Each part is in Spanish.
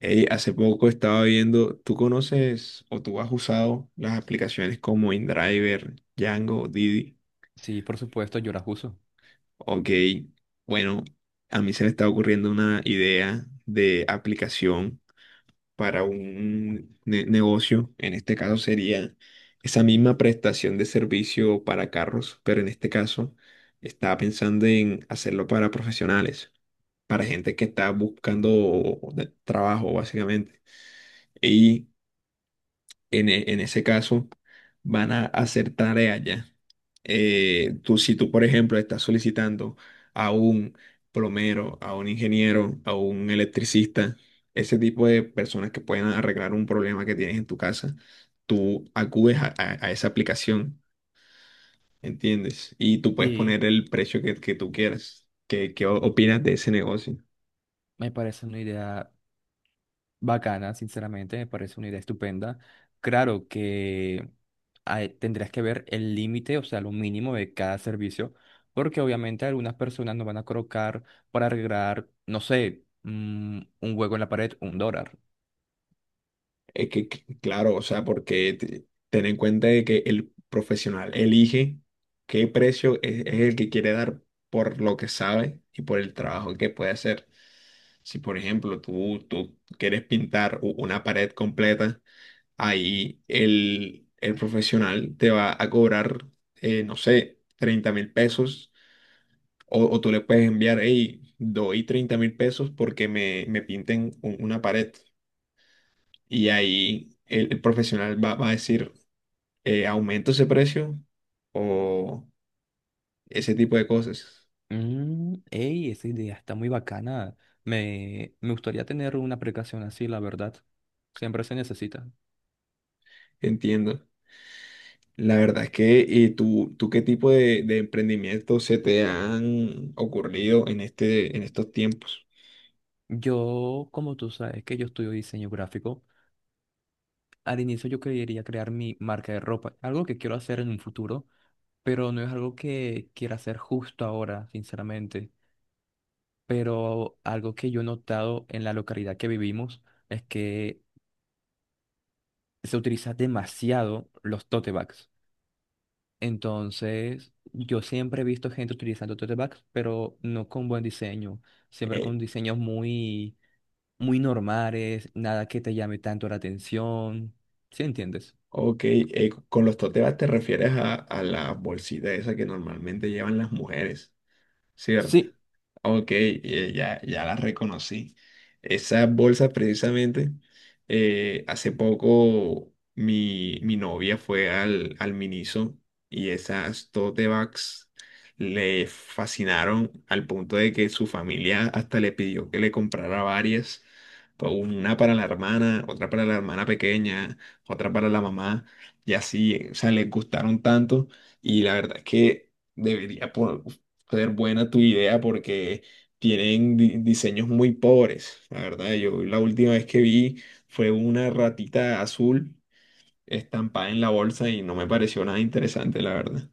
Ey, hace poco estaba viendo, ¿tú conoces o tú has usado las aplicaciones como InDriver, Django, Didi? Sí, por supuesto, yo las uso. Ok, bueno, a mí se me está ocurriendo una idea de aplicación para un negocio. En este caso sería esa misma prestación de servicio para carros, pero en este caso estaba pensando en hacerlo para profesionales, para gente que está buscando trabajo básicamente. Y en ese caso van a hacer tareas ya. Si tú, por ejemplo, estás solicitando a un plomero, a un ingeniero, a un electricista, ese tipo de personas que pueden arreglar un problema que tienes en tu casa, tú acudes a esa aplicación, ¿entiendes? Y tú puedes Sí, poner el precio que tú quieras. ¿Qué opinas de ese negocio? me parece una idea bacana, sinceramente, me parece una idea estupenda. Claro que tendrías que ver el límite, o sea, lo mínimo de cada servicio, porque obviamente algunas personas no van a colocar para arreglar, no sé, un hueco en la pared, un dólar. Claro, o sea, porque ten en cuenta de que el profesional elige qué precio es el que quiere dar por lo que sabe y por el trabajo que puede hacer. Si, por ejemplo, tú quieres pintar una pared completa, ahí el profesional te va a cobrar, no sé, 30.000 pesos. O tú le puedes enviar, hey, doy 30.000 pesos porque me pinten una pared. Y ahí el profesional va a decir, aumento ese precio o ese tipo de cosas. Mm, ey, esa idea está muy bacana. Me gustaría tener una aplicación así, la verdad. Siempre se necesita. Entiendo. La verdad es que, ¿y tú qué tipo de emprendimientos se te han ocurrido en en estos tiempos? Yo, como tú sabes que yo estudio diseño gráfico, al inicio yo quería crear mi marca de ropa, algo que quiero hacer en un futuro, pero no es algo que quiera hacer justo ahora, sinceramente. Pero algo que yo he notado en la localidad que vivimos es que se utiliza demasiado los tote bags. Entonces, yo siempre he visto gente utilizando tote bags, pero no con buen diseño, siempre Eh, con diseños muy normales, nada que te llame tanto la atención. ¿Sí entiendes? ok, con los tote bags te refieres a- a la bolsita esa que normalmente llevan las mujeres, ¿cierto? Sí. Ok, ya las reconocí. Esas bolsas precisamente, hace poco mi novia fue al Miniso y esas tote bags le fascinaron al punto de que su familia hasta le pidió que le comprara varias, una para la hermana, otra para la hermana pequeña, otra para la mamá y así, o sea, les gustaron tanto y la verdad es que debería ser buena tu idea porque tienen diseños muy pobres. La verdad, yo la última vez que vi fue una ratita azul estampada en la bolsa y no me pareció nada interesante, la verdad.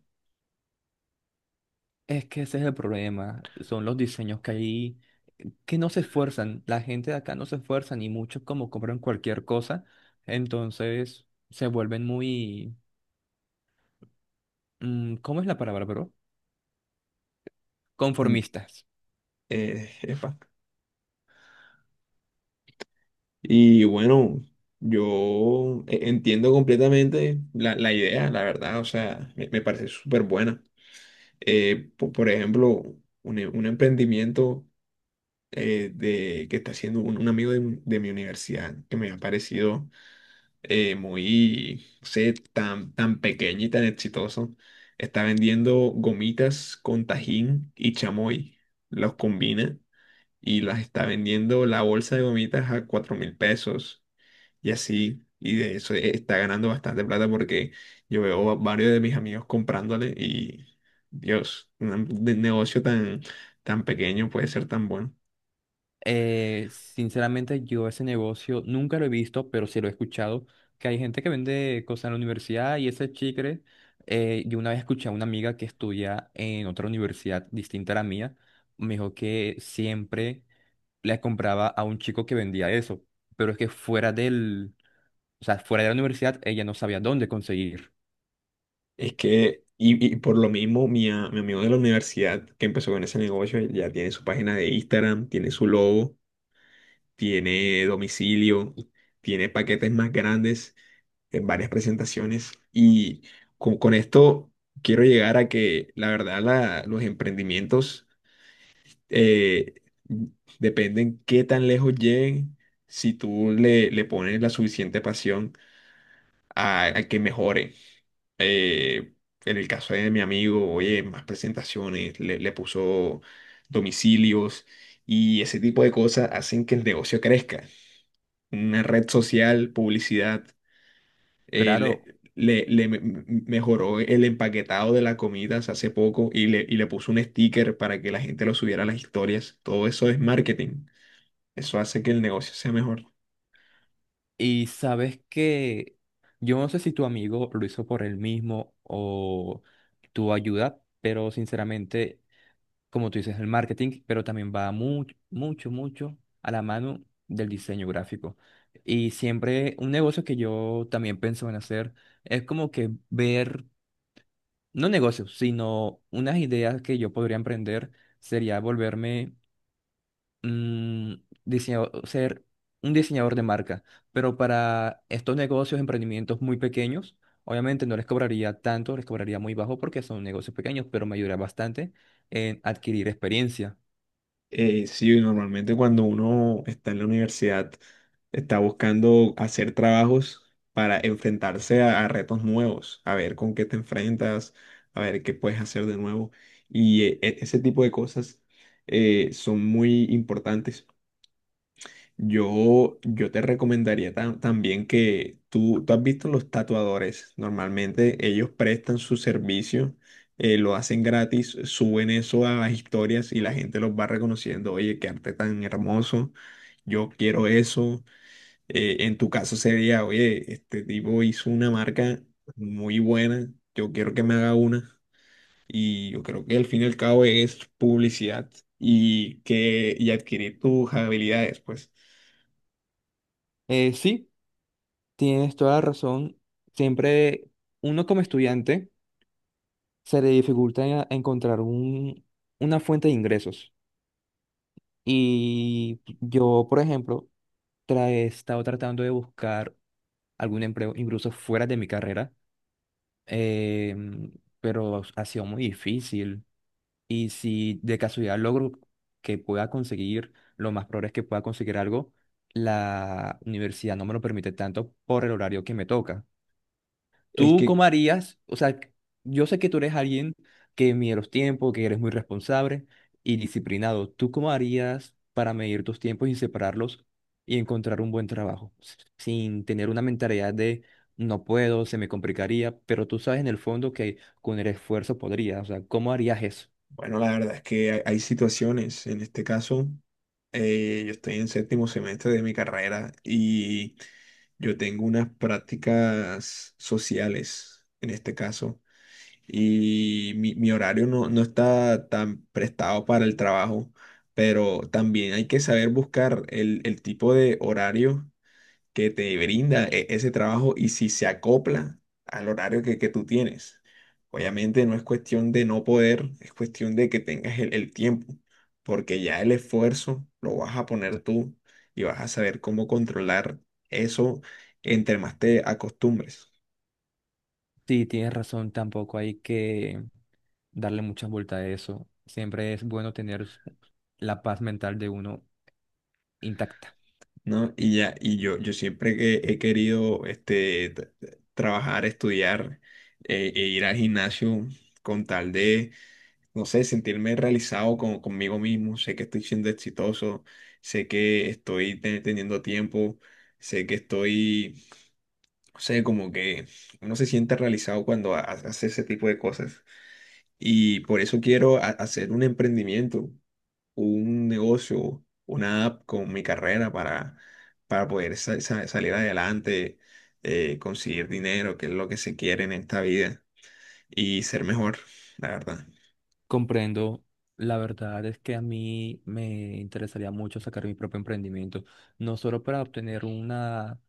Es que ese es el problema, son los diseños que hay que no se esfuerzan, la gente de acá no se esfuerzan ni mucho como compran cualquier cosa, entonces se vuelven muy, ¿cómo es la palabra, bro? Mm. Conformistas. Epa. Y bueno, yo entiendo completamente la idea, la verdad, o sea, me parece súper buena. Por ejemplo, un emprendimiento que está haciendo un amigo de mi universidad que me ha parecido muy, no sé, tan pequeño y tan exitoso, está vendiendo gomitas con tajín y chamoy. Los combina y las está vendiendo la bolsa de gomitas a 4.000 pesos y así. Y de eso está ganando bastante plata porque yo veo a varios de mis amigos comprándole y, Dios, un negocio tan, tan pequeño puede ser tan bueno. Sinceramente, yo ese negocio nunca lo he visto, pero sí lo he escuchado, que hay gente que vende cosas en la universidad y ese chicle, yo una vez escuché a una amiga que estudia en otra universidad distinta a la mía, me dijo que siempre le compraba a un chico que vendía eso, pero es que fuera del, o sea, fuera de la universidad ella no sabía dónde conseguir. Es que, y por lo mismo, mi amigo de la universidad que empezó con ese negocio ya tiene su página de Instagram, tiene su logo, tiene domicilio, tiene paquetes más grandes en varias presentaciones. Y con esto quiero llegar a que, la verdad, los emprendimientos eh, dependen qué tan lejos lleguen si tú le pones la suficiente pasión a que mejore. Eh, en el caso de mi amigo, oye, más presentaciones, le puso domicilios y ese tipo de cosas hacen que el negocio crezca. Una red social, publicidad, Claro. Mejoró el empaquetado de las comidas hace poco y le puso un sticker para que la gente lo subiera a las historias. Todo eso es marketing. Eso hace que el negocio sea mejor. Y sabes que yo no sé si tu amigo lo hizo por él mismo o tu ayuda, pero sinceramente, como tú dices, el marketing, pero también va mucho, mucho, mucho a la mano del diseño gráfico. Y siempre un negocio que yo también pienso en hacer es como que ver, no negocios, sino unas ideas que yo podría emprender, sería volverme, mm, ser un diseñador de marca, pero para estos negocios, emprendimientos muy pequeños, obviamente no les cobraría tanto, les cobraría muy bajo porque son negocios pequeños, pero me ayudaría bastante en adquirir experiencia. Sí, normalmente cuando uno está en la universidad está buscando hacer trabajos para enfrentarse a retos nuevos, a ver con qué te enfrentas, a ver qué puedes hacer de nuevo. Y ese tipo de cosas son muy importantes. Yo te recomendaría también que tú has visto los tatuadores. Normalmente ellos prestan su servicio, lo hacen gratis, suben eso a las historias y la gente los va reconociendo. Oye, qué arte tan hermoso, yo quiero eso. En tu caso sería, oye, este tipo hizo una marca muy buena, yo quiero que me haga una. Y yo creo que al fin y al cabo es publicidad y adquirir tus habilidades, pues. Sí, tienes toda la razón. Siempre uno como estudiante se le encontrar un, una fuente de ingresos. Y yo, por ejemplo, he estado tratando de buscar algún empleo incluso fuera de mi carrera, eh, pero ha sido muy difícil. Y si de casualidad logro que pueda conseguir, lo más probable es que pueda conseguir algo, la universidad no me lo permite tanto por el horario que me toca. Es ¿Tú que cómo harías? O sea, yo sé que tú eres alguien que mide los tiempos, que eres muy responsable y disciplinado. ¿Tú cómo harías para medir tus tiempos y separarlos y encontrar un buen trabajo? Sin tener una mentalidad de no puedo, se me complicaría, pero tú sabes en el fondo que con el esfuerzo podrías. O sea, ¿cómo harías eso? Bueno, la verdad es que hay situaciones. En este caso, yo estoy en séptimo semestre de mi carrera y yo tengo unas prácticas sociales, en este caso, y mi horario no está tan prestado para el trabajo, pero también hay que saber buscar el tipo de horario que te brinda ese trabajo y si se acopla al horario que tú tienes. Obviamente no es cuestión de no poder, es cuestión de que tengas el tiempo, porque ya el esfuerzo lo vas a poner tú y vas a saber cómo controlar eso entre más te acostumbres, Sí, tienes razón, tampoco hay que darle muchas vueltas a eso. Siempre es bueno tener la paz mental de uno intacta. ¿no? Y yo siempre que he querido trabajar, estudiar e ir al gimnasio con tal de no sé, sentirme realizado con, conmigo mismo, sé que estoy siendo exitoso, sé que estoy teniendo tiempo, sé que estoy, no sé, como que uno se siente realizado cuando hace ese tipo de cosas. Y por eso quiero hacer un emprendimiento, un negocio, una app con mi carrera para poder salir adelante, conseguir dinero, que es lo que se quiere en esta vida, y ser mejor, la verdad. Comprendo. La verdad es que a mí me interesaría mucho sacar mi propio emprendimiento, no solo para obtener una,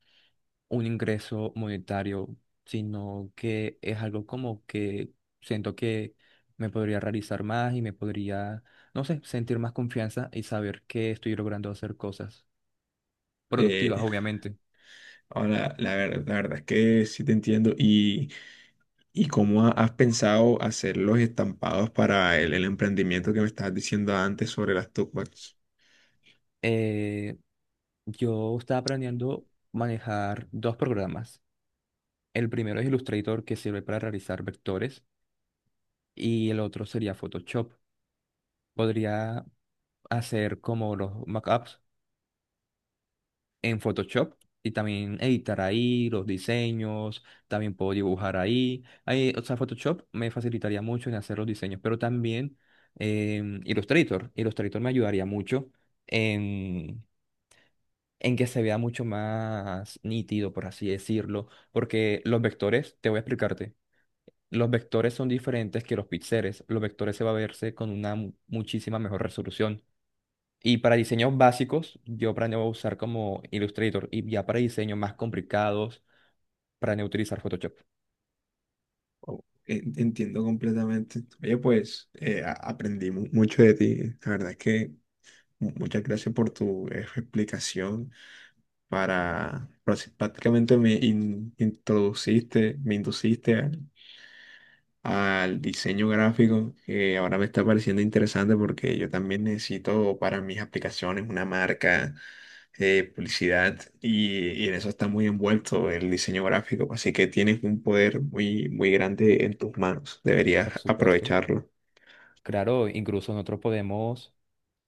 un ingreso monetario, sino que es algo como que siento que me podría realizar más y me podría, no sé, sentir más confianza y saber que estoy logrando hacer cosas productivas, Eh, obviamente. Ahora, la verdad es que sí te entiendo. Y cómo has pensado hacer los estampados para el emprendimiento que me estabas diciendo antes sobre las tote bags? Eh, yo estaba aprendiendo a manejar dos programas. El primero es Illustrator, que sirve para realizar vectores, y el otro sería Photoshop. Podría hacer como los mockups en Photoshop y también editar ahí los diseños, también puedo dibujar ahí. Ahí, o sea, Photoshop me facilitaría mucho en hacer los diseños, pero también Illustrator. Illustrator me ayudaría mucho en, en que se vea mucho más nítido, por así decirlo, porque los vectores, te voy a explicarte. Los vectores son diferentes que los píxeles. Los vectores se va a verse con una muchísima mejor resolución. Y para diseños básicos, yo planeo usar como Illustrator y ya para diseños más complicados, planeo utilizar Photoshop, Oh, entiendo completamente. Oye, pues aprendí mucho de ti. La verdad es que muchas gracias por tu explicación. Prácticamente me introduciste, me induciste al diseño gráfico, que ahora me está pareciendo interesante porque yo también necesito para mis aplicaciones una marca, publicidad, y en eso está muy envuelto el diseño gráfico, así que tienes un poder muy, muy grande en tus manos, deberías por supuesto. aprovecharlo. Claro, incluso nosotros podemos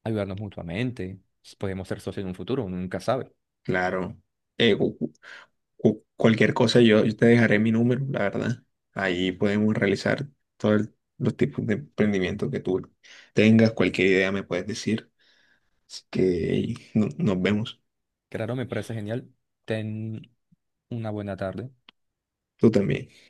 ayudarnos mutuamente, podemos ser socios en un futuro, uno nunca sabe. Claro, Eh, cu- cu- cualquier cosa yo te dejaré mi número, la verdad, ahí podemos realizar todos los tipos de emprendimiento que tú tengas, cualquier idea me puedes decir, así que hey, nos vemos. Claro, me parece genial. Ten una buena tarde. Tú también.